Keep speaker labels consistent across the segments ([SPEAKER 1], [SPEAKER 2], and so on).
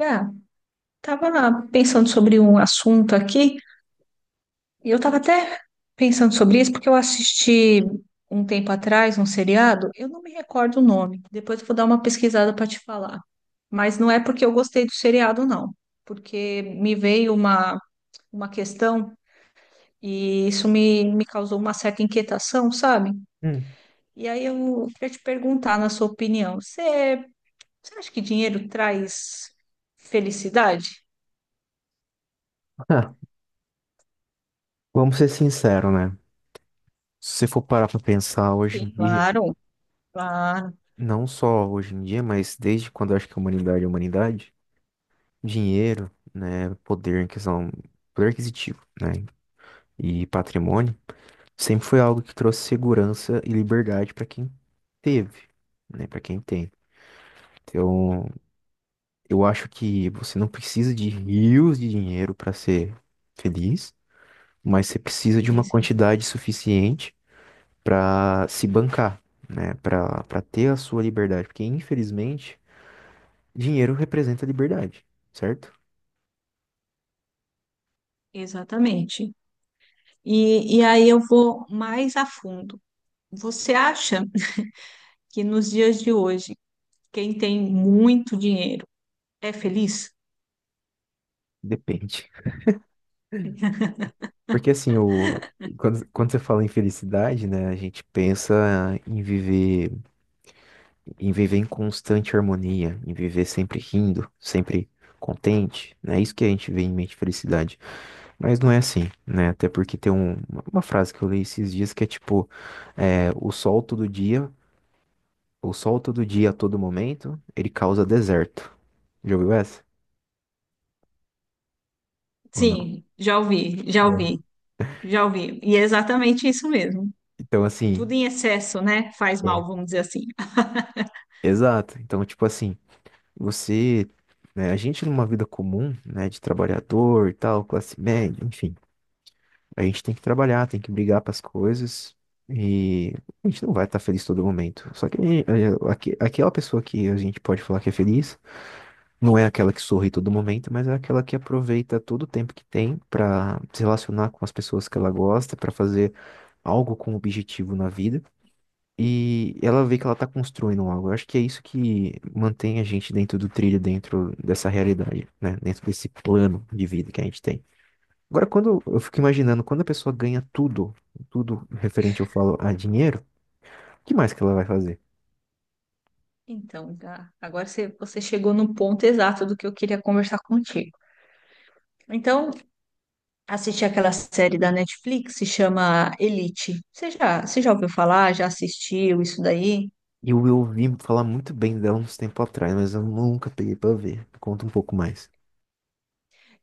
[SPEAKER 1] Ah, tava lá pensando sobre um assunto aqui, e eu tava até pensando sobre isso porque eu assisti um tempo atrás um seriado, eu não me recordo o nome, depois eu vou dar uma pesquisada para te falar. Mas não é porque eu gostei do seriado, não, porque me veio uma questão e isso me causou uma certa inquietação, sabe?
[SPEAKER 2] Hum.
[SPEAKER 1] E aí eu queria te perguntar, na sua opinião, você acha que dinheiro traz felicidade?
[SPEAKER 2] Ah, vamos ser sinceros, né? Se você for parar pra pensar hoje
[SPEAKER 1] Sim,
[SPEAKER 2] em dia,
[SPEAKER 1] claro. Claro.
[SPEAKER 2] não só hoje em dia, mas desde quando eu acho que a humanidade é humanidade, dinheiro, né, poder em questão, poder aquisitivo, né, e patrimônio, sempre foi algo que trouxe segurança e liberdade pra quem teve, né, para quem tem. Então, eu acho que você não precisa de rios de dinheiro para ser feliz, mas você precisa de
[SPEAKER 1] Sim,
[SPEAKER 2] uma
[SPEAKER 1] sim,
[SPEAKER 2] quantidade suficiente para se bancar, né? Para ter a sua liberdade, porque infelizmente dinheiro representa liberdade, certo?
[SPEAKER 1] exatamente. E aí eu vou mais a fundo. Você acha que nos dias de hoje, quem tem muito dinheiro é feliz?
[SPEAKER 2] Depende. Porque assim, o quando você fala em felicidade, né, a gente pensa em viver em constante harmonia, em viver sempre rindo, sempre contente, né? Isso que a gente vê em mente felicidade. Mas não é assim, né? Até porque tem uma frase que eu li esses dias que é tipo, é, o sol todo dia. O sol todo dia, a todo momento, ele causa deserto. Já ouviu essa? Ou não?
[SPEAKER 1] Sim, já ouvi, já
[SPEAKER 2] Não.
[SPEAKER 1] ouvi, já ouvi. E é exatamente isso mesmo.
[SPEAKER 2] Então, assim,
[SPEAKER 1] Tudo em excesso, né? Faz
[SPEAKER 2] é,
[SPEAKER 1] mal, vamos dizer assim.
[SPEAKER 2] exato. Então, tipo assim, você, né, a gente numa vida comum, né, de trabalhador e tal, classe média, enfim, a gente tem que trabalhar, tem que brigar para as coisas e a gente não vai estar feliz todo momento. Só que aquela pessoa que a gente pode falar que é feliz não é aquela que sorri todo momento, mas é aquela que aproveita todo o tempo que tem para se relacionar com as pessoas que ela gosta, para fazer algo com objetivo na vida e ela vê que ela tá construindo algo. Eu acho que é isso que mantém a gente dentro do trilho, dentro dessa realidade, né? Dentro desse plano de vida que a gente tem. Agora, quando eu fico imaginando, quando a pessoa ganha tudo, tudo referente, eu falo, a dinheiro, o que mais que ela vai fazer?
[SPEAKER 1] Então, Gá, agora você chegou no ponto exato do que eu queria conversar contigo. Então, assisti aquela série da Netflix, se chama Elite. Você já ouviu falar? Já assistiu isso daí?
[SPEAKER 2] Eu ouvi falar muito bem dela uns tempos atrás, mas eu nunca peguei pra ver. Conta um pouco mais.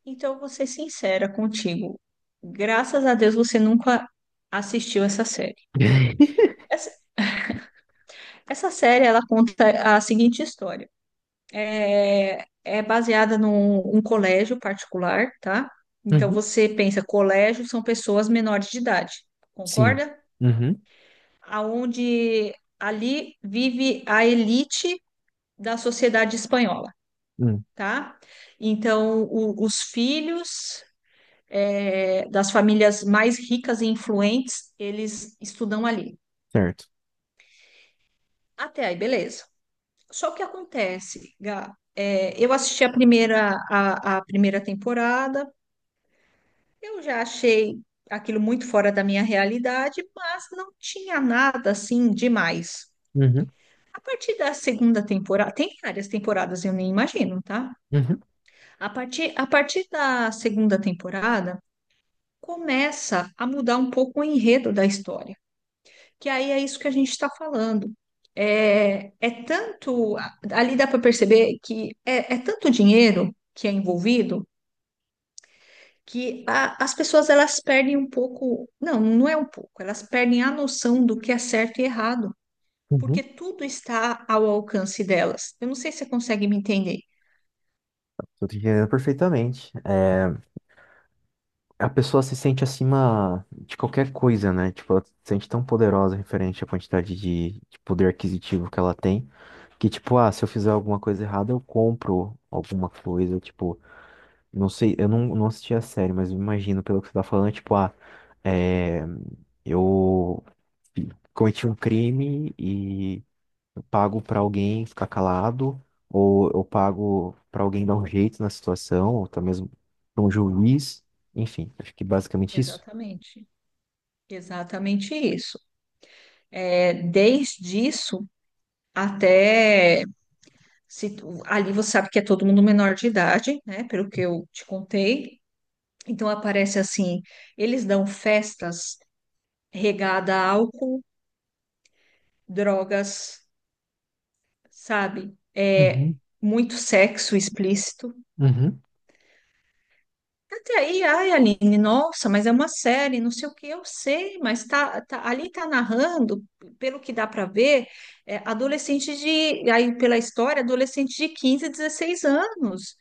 [SPEAKER 1] Então, eu vou ser sincera contigo. Graças a Deus você nunca assistiu essa série. Essa, essa série ela conta a seguinte história. É baseada num um colégio particular, tá? Então
[SPEAKER 2] Uhum.
[SPEAKER 1] você pensa, colégio são pessoas menores de idade,
[SPEAKER 2] Sim.
[SPEAKER 1] concorda?
[SPEAKER 2] Uhum.
[SPEAKER 1] Aonde ali vive a elite da sociedade espanhola,
[SPEAKER 2] Hum.
[SPEAKER 1] tá? Então os filhos, das famílias mais ricas e influentes, eles estudam ali.
[SPEAKER 2] Certo.
[SPEAKER 1] Até aí, beleza. Só que acontece, Gá, eu assisti a primeira, a primeira temporada, eu já achei aquilo muito fora da minha realidade, mas não tinha nada assim demais.
[SPEAKER 2] Uhum.
[SPEAKER 1] A partir da segunda temporada, tem várias temporadas, eu nem imagino, tá?
[SPEAKER 2] Uhum.
[SPEAKER 1] A partir da segunda temporada, começa a mudar um pouco o enredo da história, que aí é isso que a gente está falando. É, é tanto, ali dá para perceber que é tanto dinheiro que é envolvido que as pessoas elas perdem um pouco, não é um pouco, elas perdem a noção do que é certo e errado, porque
[SPEAKER 2] Uhum.
[SPEAKER 1] tudo está ao alcance delas. Eu não sei se você consegue me entender.
[SPEAKER 2] Tô te entendendo perfeitamente. É, a pessoa se sente acima de qualquer coisa, né? Tipo, ela se sente tão poderosa referente à quantidade de poder aquisitivo que ela tem, que tipo, ah, se eu fizer alguma coisa errada, eu compro alguma coisa, tipo, não sei, eu não, não assisti a série, mas eu imagino pelo que você tá falando, tipo, ah, é, eu cometi um crime e pago para alguém ficar calado, ou eu pago para alguém dar um jeito na situação, ou até mesmo para um juiz. Enfim, acho que basicamente isso.
[SPEAKER 1] Exatamente, exatamente isso. É, desde isso até se ali você sabe que é todo mundo menor de idade, né? Pelo que eu te contei, então aparece assim, eles dão festas regada a álcool, drogas, sabe? É
[SPEAKER 2] Uhum,
[SPEAKER 1] muito sexo explícito.
[SPEAKER 2] uhum.
[SPEAKER 1] Até aí, ai, Aline, nossa, mas é uma série, não sei o que, eu sei, mas ali tá narrando, pelo que dá para ver, adolescente de, aí pela história, adolescente de 15, 16 anos.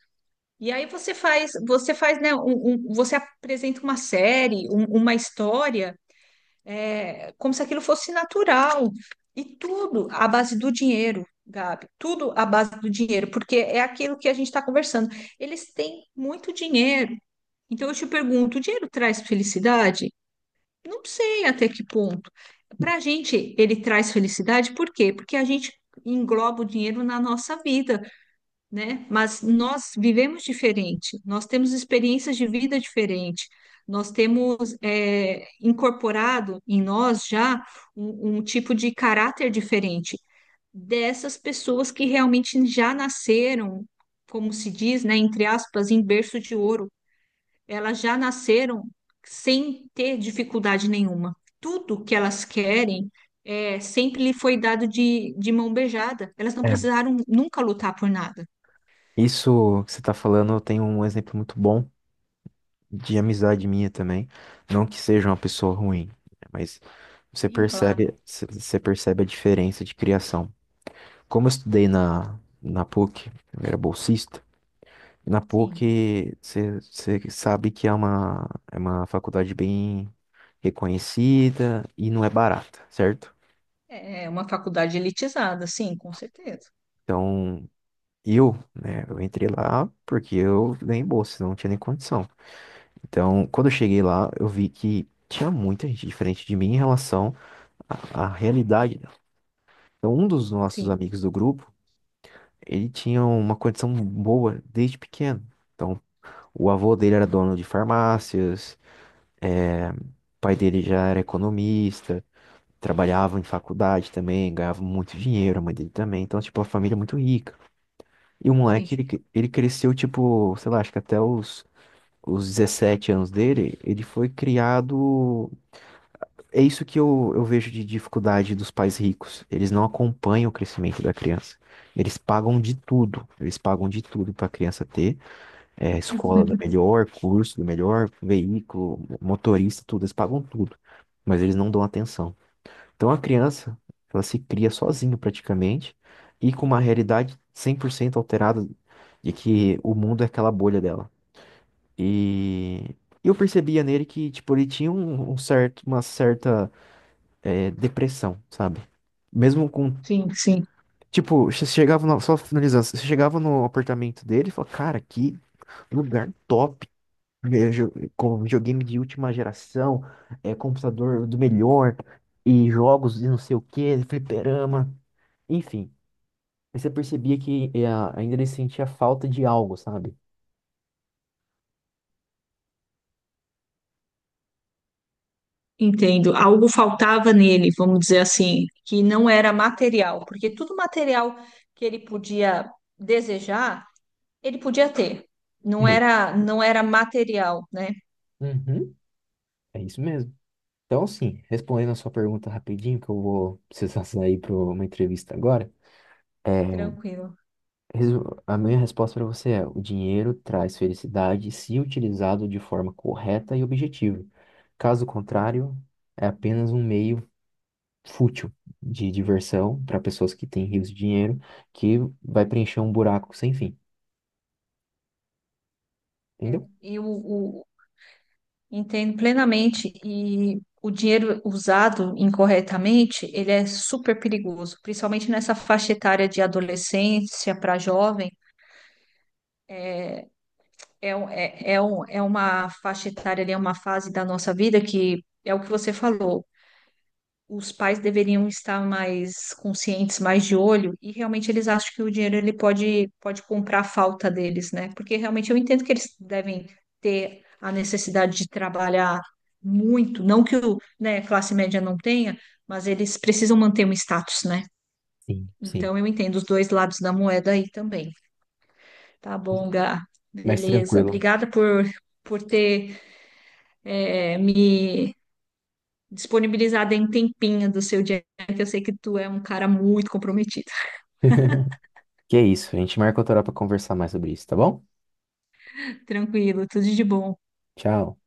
[SPEAKER 1] E aí você faz, né, você apresenta uma série, uma história. É como se aquilo fosse natural. E tudo à base do dinheiro, Gabi. Tudo à base do dinheiro, porque é aquilo que a gente está conversando. Eles têm muito dinheiro. Então eu te pergunto, o dinheiro traz felicidade? Não sei até que ponto. Para a gente, ele traz felicidade, por quê? Porque a gente engloba o dinheiro na nossa vida, né? Mas nós vivemos diferente, nós temos experiências de vida diferente, nós temos incorporado em nós já um tipo de caráter diferente dessas pessoas que realmente já nasceram, como se diz, né, entre aspas, em berço de ouro. Elas já nasceram sem ter dificuldade nenhuma. Tudo que elas querem sempre lhe foi dado de mão beijada. Elas não
[SPEAKER 2] É.
[SPEAKER 1] precisaram nunca lutar por nada.
[SPEAKER 2] Isso que você está falando, eu tenho um exemplo muito bom de amizade minha também. Não que seja uma pessoa ruim, né, mas você
[SPEAKER 1] Sim, claro.
[SPEAKER 2] percebe, você percebe a diferença de criação. Como eu estudei na PUC, eu era bolsista. E na
[SPEAKER 1] Sim.
[SPEAKER 2] PUC, você sabe que é uma faculdade bem reconhecida e não é barata, certo?
[SPEAKER 1] É uma faculdade elitizada, sim, com certeza.
[SPEAKER 2] Então, eu, né, eu entrei lá porque eu ganhei bolsa, não tinha nem condição. Então, quando eu cheguei lá, eu vi que tinha muita gente diferente de mim em relação à, à realidade dela. Então, um dos nossos
[SPEAKER 1] Sim,
[SPEAKER 2] amigos do grupo, ele tinha uma condição boa desde pequeno. Então, o avô dele era dono de farmácias, é, o pai dele já era economista, trabalhava em faculdade também, ganhava muito dinheiro, a mãe dele também. Então, tipo, a família é muito rica. E o moleque, ele,
[SPEAKER 1] entendi.
[SPEAKER 2] ele cresceu, tipo, sei lá, acho que até os 17 anos dele, ele foi criado. É isso que eu vejo de dificuldade dos pais ricos. Eles não acompanham o crescimento da criança. Eles pagam de tudo. Eles pagam de tudo para a criança ter é, escola da melhor, curso do melhor, veículo, motorista, tudo, eles pagam tudo, mas eles não dão atenção. Então a criança, ela se cria sozinha praticamente e com uma realidade 100% alterada de que o mundo é aquela bolha dela. E eu percebia nele que, tipo, ele tinha um, um certo, uma certa é, depressão, sabe? Mesmo com.
[SPEAKER 1] Sim, sim,
[SPEAKER 2] Tipo, você chegava no, só finalizando, você chegava no apartamento dele e falava, cara, que lugar top. Com videogame de última geração, é, computador do melhor, e jogos e não sei o quê, fliperama, enfim. Aí você percebia que ainda ele sentia falta de algo, sabe?
[SPEAKER 1] entendo. Algo faltava nele, vamos dizer assim, que não era material, porque tudo material que ele podia desejar, ele podia ter.
[SPEAKER 2] Ei,
[SPEAKER 1] Não era material, né?
[SPEAKER 2] uhum, é isso mesmo. Então, sim, respondendo a sua pergunta rapidinho, que eu vou precisar sair para uma entrevista agora, é,
[SPEAKER 1] Tranquilo.
[SPEAKER 2] a minha resposta para você é: o dinheiro traz felicidade se utilizado de forma correta e objetiva. Caso contrário, é apenas um meio fútil de diversão para pessoas que têm rios de dinheiro, que vai preencher um buraco sem fim,
[SPEAKER 1] É.
[SPEAKER 2] entendeu?
[SPEAKER 1] E o, entendo plenamente. E o dinheiro usado incorretamente, ele é super perigoso, principalmente nessa faixa etária de adolescência para jovem. É uma faixa etária, ali, é uma fase da nossa vida que é o que você falou. Os pais deveriam estar mais conscientes, mais de olho, e realmente eles acham que o dinheiro pode comprar a falta deles, né? Porque realmente eu entendo que eles devem ter a necessidade de trabalhar muito, não que o, né, classe média não tenha, mas eles precisam manter um status, né?
[SPEAKER 2] Sim, sim.
[SPEAKER 1] Então eu entendo os dois lados da moeda aí também. Tá bom, Gá.
[SPEAKER 2] Mas
[SPEAKER 1] Beleza.
[SPEAKER 2] tranquilo.
[SPEAKER 1] Obrigada por ter me disponibilizada em tempinho do seu dia, que eu sei que tu é um cara muito comprometido.
[SPEAKER 2] Que é isso, a gente marca outra hora para conversar mais sobre isso, tá bom?
[SPEAKER 1] Tranquilo, tudo de bom.
[SPEAKER 2] Tchau.